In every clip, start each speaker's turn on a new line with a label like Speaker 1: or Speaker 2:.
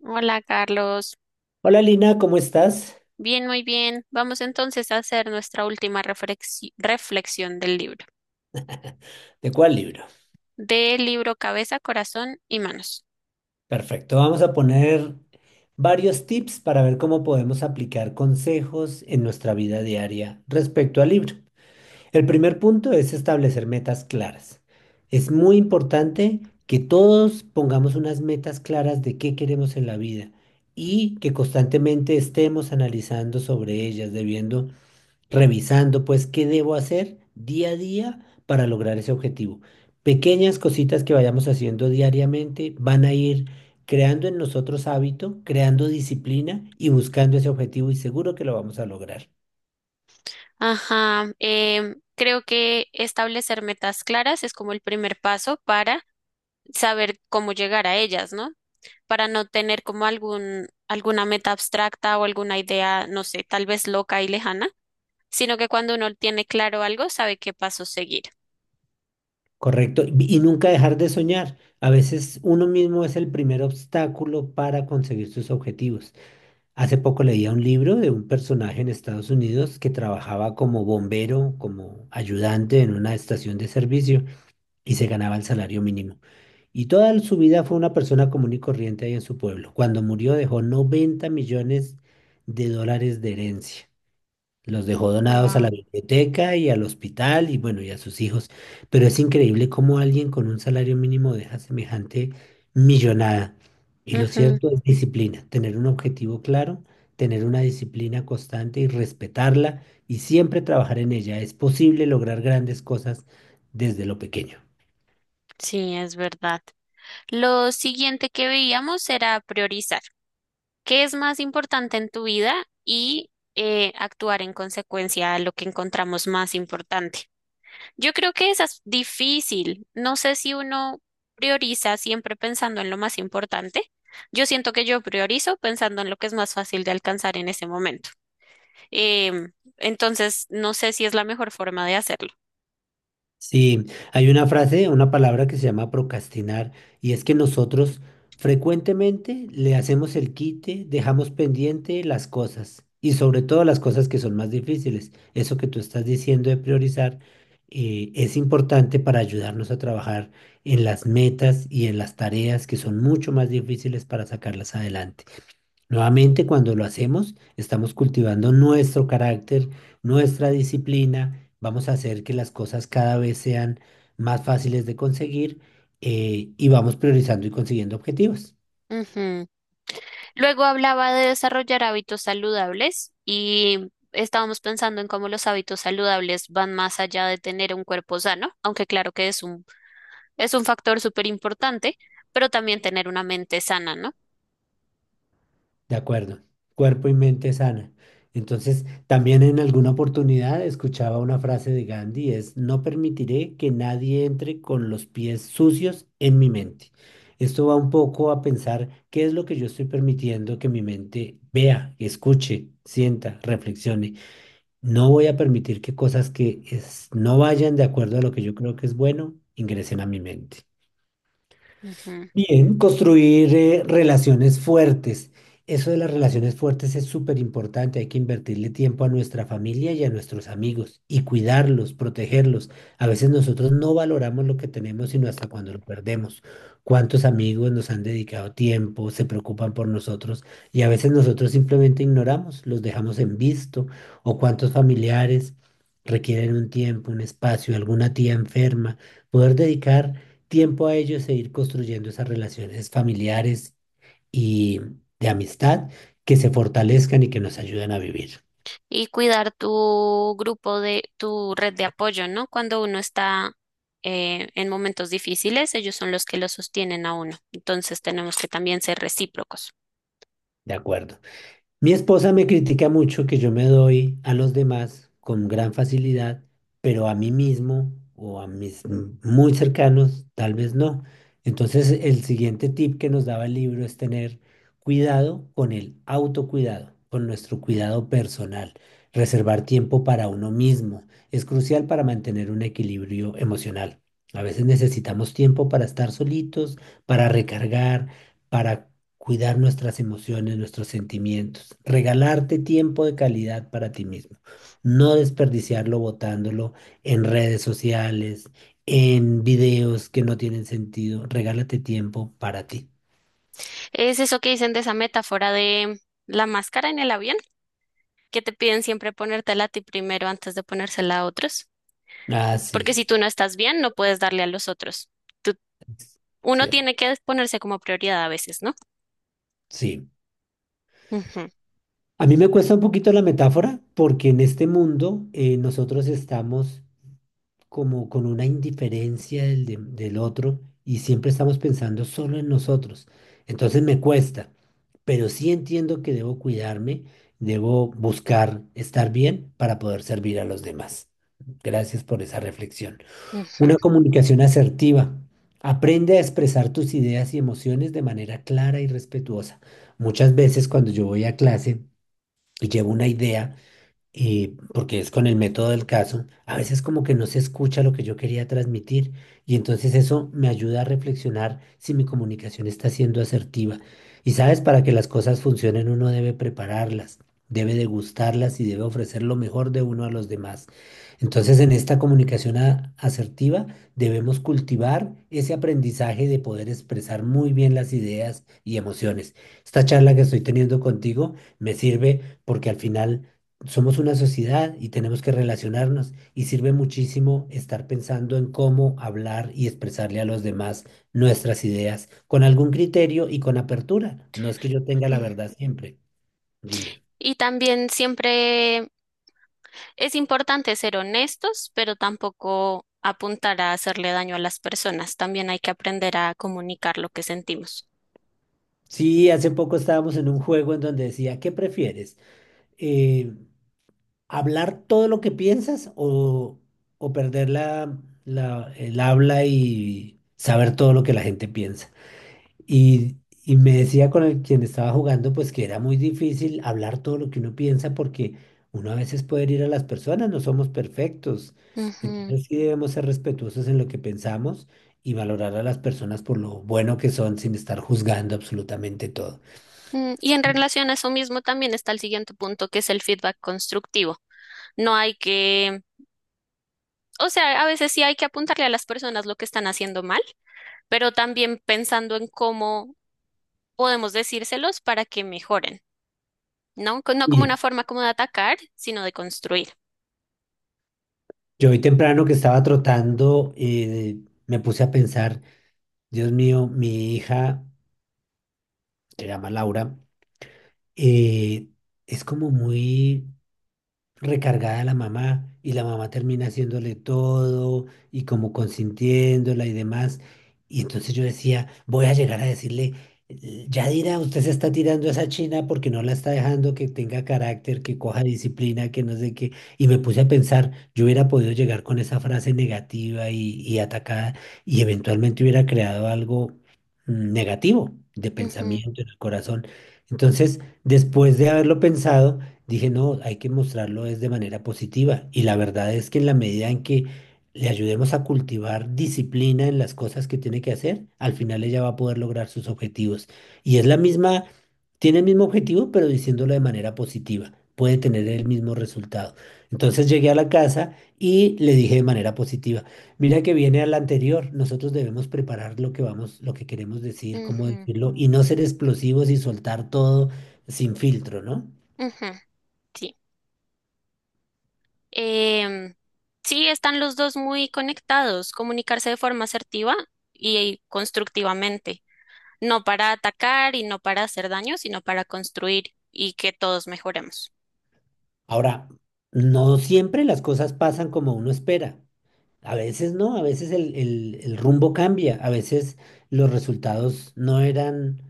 Speaker 1: Hola, Carlos.
Speaker 2: Hola Lina, ¿cómo estás?
Speaker 1: Bien, muy bien. Vamos entonces a hacer nuestra última reflexión del libro.
Speaker 2: ¿De cuál libro?
Speaker 1: Del libro Cabeza, Corazón y Manos.
Speaker 2: Perfecto, vamos a poner varios tips para ver cómo podemos aplicar consejos en nuestra vida diaria respecto al libro. El primer punto es establecer metas claras. Es muy importante que todos pongamos unas metas claras de qué queremos en la vida y que constantemente estemos analizando sobre ellas, debiendo revisando, pues, qué debo hacer día a día para lograr ese objetivo. Pequeñas cositas que vayamos haciendo diariamente van a ir creando en nosotros hábito, creando disciplina y buscando ese objetivo y seguro que lo vamos a lograr.
Speaker 1: Ajá. Creo que establecer metas claras es como el primer paso para saber cómo llegar a ellas, ¿no? Para no tener como alguna meta abstracta o alguna idea, no sé, tal vez loca y lejana, sino que cuando uno tiene claro algo, sabe qué paso seguir.
Speaker 2: Correcto. Y nunca dejar de soñar. A veces uno mismo es el primer obstáculo para conseguir sus objetivos. Hace poco leía un libro de un personaje en Estados Unidos que trabajaba como bombero, como ayudante en una estación de servicio, y se ganaba el salario mínimo. Y toda su vida fue una persona común y corriente ahí en su pueblo. Cuando murió dejó $90 millones de herencia. Los dejó donados a la
Speaker 1: Wow.
Speaker 2: biblioteca y al hospital y, bueno, y a sus hijos. Pero es increíble cómo alguien con un salario mínimo deja semejante millonada. Y lo cierto es disciplina, tener un objetivo claro, tener una disciplina constante y respetarla y siempre trabajar en ella. Es posible lograr grandes cosas desde lo pequeño.
Speaker 1: Sí, es verdad. Lo siguiente que veíamos era priorizar. ¿Qué es más importante en tu vida y actuar en consecuencia a lo que encontramos más importante? Yo creo que esa es difícil. No sé si uno prioriza siempre pensando en lo más importante. Yo siento que yo priorizo pensando en lo que es más fácil de alcanzar en ese momento. Em, entonces, no sé si es la mejor forma de hacerlo.
Speaker 2: Sí, hay una frase, una palabra que se llama procrastinar, y es que nosotros frecuentemente le hacemos el quite, dejamos pendiente las cosas y sobre todo las cosas que son más difíciles. Eso que tú estás diciendo de priorizar es importante para ayudarnos a trabajar en las metas y en las tareas que son mucho más difíciles para sacarlas adelante. Nuevamente, cuando lo hacemos, estamos cultivando nuestro carácter, nuestra disciplina. Vamos a hacer que las cosas cada vez sean más fáciles de conseguir, y vamos priorizando y consiguiendo objetivos.
Speaker 1: Ujú. Luego hablaba de desarrollar hábitos saludables y estábamos pensando en cómo los hábitos saludables van más allá de tener un cuerpo sano, aunque claro que es un factor súper importante, pero también tener una mente sana, ¿no?
Speaker 2: De acuerdo. Cuerpo y mente sana. Entonces, también en alguna oportunidad escuchaba una frase de Gandhi, es: no permitiré que nadie entre con los pies sucios en mi mente. Esto va un poco a pensar qué es lo que yo estoy permitiendo que mi mente vea, escuche, sienta, reflexione. No voy a permitir que cosas que no vayan de acuerdo a lo que yo creo que es bueno ingresen a mi mente.
Speaker 1: Ujú.
Speaker 2: Bien, construir, relaciones fuertes. Eso de las relaciones fuertes es súper importante. Hay que invertirle tiempo a nuestra familia y a nuestros amigos y cuidarlos, protegerlos. A veces nosotros no valoramos lo que tenemos sino hasta cuando lo perdemos. ¿Cuántos amigos nos han dedicado tiempo, se preocupan por nosotros y a veces nosotros simplemente ignoramos, los dejamos en visto? ¿O cuántos familiares requieren un tiempo, un espacio, alguna tía enferma? Poder dedicar tiempo a ellos e ir construyendo esas relaciones familiares y de amistad que se fortalezcan y que nos ayuden a vivir.
Speaker 1: Y cuidar tu grupo de tu red de apoyo, ¿no? Cuando uno está en momentos difíciles, ellos son los que lo sostienen a uno. Entonces tenemos que también ser recíprocos.
Speaker 2: De acuerdo. Mi esposa me critica mucho que yo me doy a los demás con gran facilidad, pero a mí mismo o a mis muy cercanos tal vez no. Entonces, el siguiente tip que nos daba el libro es tener cuidado con el autocuidado, con nuestro cuidado personal, reservar tiempo para uno mismo. Es crucial para mantener un equilibrio emocional. A veces necesitamos tiempo para estar solitos, para recargar, para cuidar nuestras emociones, nuestros sentimientos. Regalarte tiempo de calidad para ti mismo, no desperdiciarlo botándolo en redes sociales, en videos que no tienen sentido. Regálate tiempo para ti.
Speaker 1: Es eso que dicen de esa metáfora de la máscara en el avión, que te piden siempre ponértela a ti primero antes de ponérsela a otros,
Speaker 2: Ah, sí,
Speaker 1: porque si tú no estás bien, no puedes darle a los otros. Tú-
Speaker 2: es
Speaker 1: Uno
Speaker 2: cierto,
Speaker 1: tiene que ponerse como prioridad a veces, ¿no?
Speaker 2: sí.
Speaker 1: Ujú,
Speaker 2: A mí me cuesta un poquito la metáfora porque en este mundo, nosotros estamos como con una indiferencia del, del otro y siempre estamos pensando solo en nosotros. Entonces me cuesta, pero sí entiendo que debo cuidarme, debo buscar estar bien para poder servir a los demás. Gracias por esa reflexión.
Speaker 1: ujú,
Speaker 2: Una comunicación asertiva. Aprende a expresar tus ideas y emociones de manera clara y respetuosa. Muchas veces cuando yo voy a clase y llevo una idea, porque es con el método del caso, a veces como que no se escucha lo que yo quería transmitir, y entonces eso me ayuda a reflexionar si mi comunicación está siendo asertiva. Y sabes, para que las cosas funcionen uno debe prepararlas, debe degustarlas y debe ofrecer lo mejor de uno a los demás. Entonces en esta comunicación asertiva debemos cultivar ese aprendizaje de poder expresar muy bien las ideas y emociones. Esta charla que estoy teniendo contigo me sirve porque al final somos una sociedad y tenemos que relacionarnos, y sirve muchísimo estar pensando en cómo hablar y expresarle a los demás nuestras ideas con algún criterio y con apertura. No es que yo tenga la
Speaker 1: ujú.
Speaker 2: verdad siempre. Dime.
Speaker 1: Y también siempre es importante ser honestos, pero tampoco apuntar a hacerle daño a las personas. También hay que aprender a comunicar lo que sentimos.
Speaker 2: Sí, hace poco estábamos en un juego en donde decía: ¿qué prefieres? Eh, ¿Hablar todo lo que piensas o perder la, el habla y saber todo lo que la gente piensa? Y, y me decía con el quien estaba jugando, pues que era muy difícil hablar todo lo que uno piensa porque uno a veces puede herir a las personas, no somos perfectos.
Speaker 1: Ujú.
Speaker 2: Entonces sí debemos ser respetuosos en lo que pensamos y valorar a las personas por lo bueno que son sin estar juzgando absolutamente todo.
Speaker 1: Mm, y en relación a eso mismo también está el siguiente punto, que es el feedback constructivo. No hay que, o sea, a veces sí hay que apuntarle a las personas lo que están haciendo mal, pero también pensando en cómo podemos decírselos para que mejoren. No como
Speaker 2: Y
Speaker 1: una forma como de atacar, sino de construir.
Speaker 2: yo hoy temprano que estaba trotando, me puse a pensar: Dios mío, mi hija, se llama Laura, eh, es como muy recargada la mamá, y la mamá termina haciéndole todo y como consintiéndola y demás. Y entonces yo decía, voy a llegar a decirle: ya dirá, usted se está tirando a esa china porque no la está dejando que tenga carácter, que coja disciplina, que no sé qué". Y me puse a pensar, yo hubiera podido llegar con esa frase negativa y atacada, y eventualmente hubiera creado algo negativo de
Speaker 1: Ujú,
Speaker 2: pensamiento en el corazón. Entonces, después de haberlo pensado, dije: no, hay que mostrarlo es de manera positiva. Y la verdad es que en la medida en que le ayudemos a cultivar disciplina en las cosas que tiene que hacer, al final ella va a poder lograr sus objetivos. Y es la misma, tiene el mismo objetivo, pero diciéndolo de manera positiva puede tener el mismo resultado. Entonces llegué a la casa y le dije de manera positiva, mira que viene a la anterior: nosotros debemos preparar lo que vamos, lo que queremos decir, cómo
Speaker 1: ujú,
Speaker 2: decirlo, y no ser explosivos y soltar todo sin filtro, ¿no?
Speaker 1: ujú, sí. Em, sí, están los dos muy conectados, comunicarse de forma asertiva y constructivamente, no para atacar y no para hacer daño, sino para construir y que todos mejoremos.
Speaker 2: Ahora, no siempre las cosas pasan como uno espera. A veces no, a veces el, el rumbo cambia, a veces los resultados no eran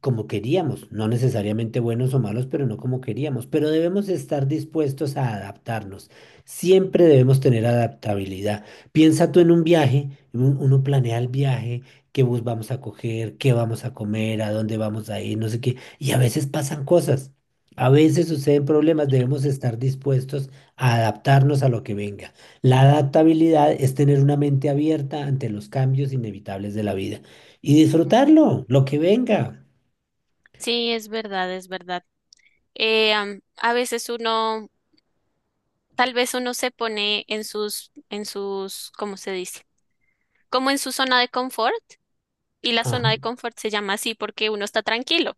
Speaker 2: como queríamos, no necesariamente buenos o malos, pero no como queríamos, pero debemos estar dispuestos a adaptarnos. Siempre debemos tener adaptabilidad. Piensa tú en un viaje, uno planea el viaje, qué bus vamos a coger, qué vamos a comer, a dónde vamos a ir, no sé qué, y a veces pasan cosas. A veces suceden problemas, debemos estar dispuestos a adaptarnos a lo que venga. La adaptabilidad es tener una mente abierta ante los cambios inevitables de la vida y
Speaker 1: Ujú.
Speaker 2: disfrutarlo, lo que venga.
Speaker 1: Sí, es verdad, es verdad. A veces uno, tal vez uno se pone en sus, ¿cómo se dice? Como en su zona de confort y la
Speaker 2: Ajá.
Speaker 1: zona de confort se llama así porque uno está tranquilo,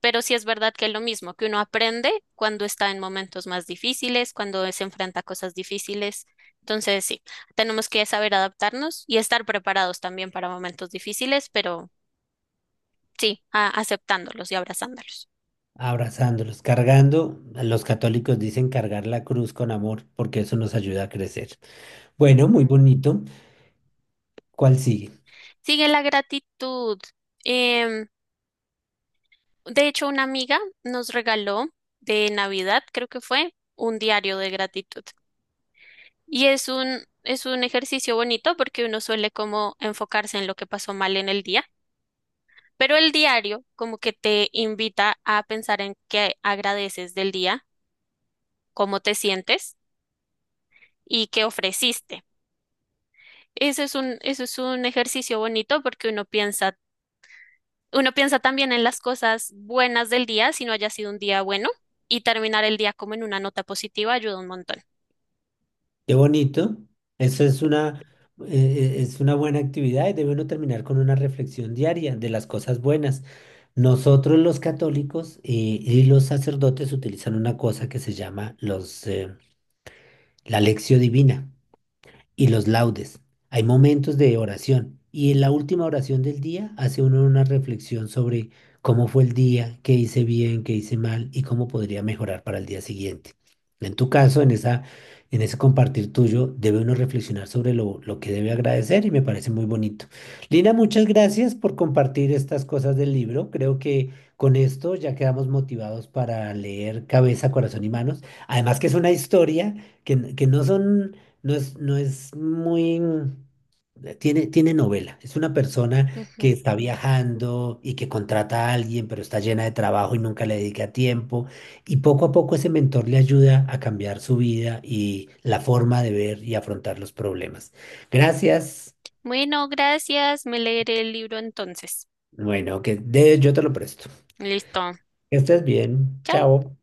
Speaker 1: pero sí es verdad que es lo mismo, que uno aprende cuando está en momentos más difíciles, cuando se enfrenta a cosas difíciles. Entonces, sí, tenemos que saber adaptarnos y estar preparados también para momentos difíciles, pero sí, aceptándolos y abrazándolos.
Speaker 2: Abrazándolos, cargando. Los católicos dicen cargar la cruz con amor porque eso nos ayuda a crecer. Bueno, muy
Speaker 1: Ujú.
Speaker 2: bonito. ¿Cuál sigue?
Speaker 1: Sigue la gratitud. Em, de hecho, una amiga nos regaló de Navidad, creo que fue, un diario de gratitud. Y es un ejercicio bonito porque uno suele como enfocarse en lo que pasó mal en el día, pero el diario como que te invita a pensar en qué agradeces del día, cómo te sientes y qué ofreciste. Eso es un ejercicio bonito porque uno piensa también en las cosas buenas del día, si no haya sido un día bueno, y terminar el día como en una nota positiva ayuda un montón.
Speaker 2: Qué bonito. Eso es una, es una buena actividad, y debe uno terminar con una reflexión diaria de las cosas buenas. Nosotros los católicos, y los sacerdotes, utilizan una cosa que se llama la lección divina, y los laudes. Hay momentos de oración, y en la última oración del día hace uno una reflexión sobre cómo fue el día, qué hice bien, qué hice mal y cómo podría mejorar para el día siguiente. En tu caso, en ese compartir tuyo, debe uno reflexionar sobre lo que debe agradecer, y me parece muy bonito. Lina, muchas gracias por compartir estas cosas del libro. Creo que con esto ya quedamos motivados para leer Cabeza, Corazón y Manos. Además que es una historia que no es muy... Tiene, tiene novela. Es una persona que
Speaker 1: Ujú.
Speaker 2: está viajando y que contrata a alguien, pero está llena de trabajo y nunca le dedica tiempo. Y poco a poco ese mentor le ayuda a cambiar su vida y la forma de ver y afrontar los problemas. Gracias.
Speaker 1: Bueno, gracias. Me leeré el libro entonces.
Speaker 2: Bueno, yo te lo presto.
Speaker 1: Listo.
Speaker 2: Que estés bien.
Speaker 1: Chao.
Speaker 2: Chao.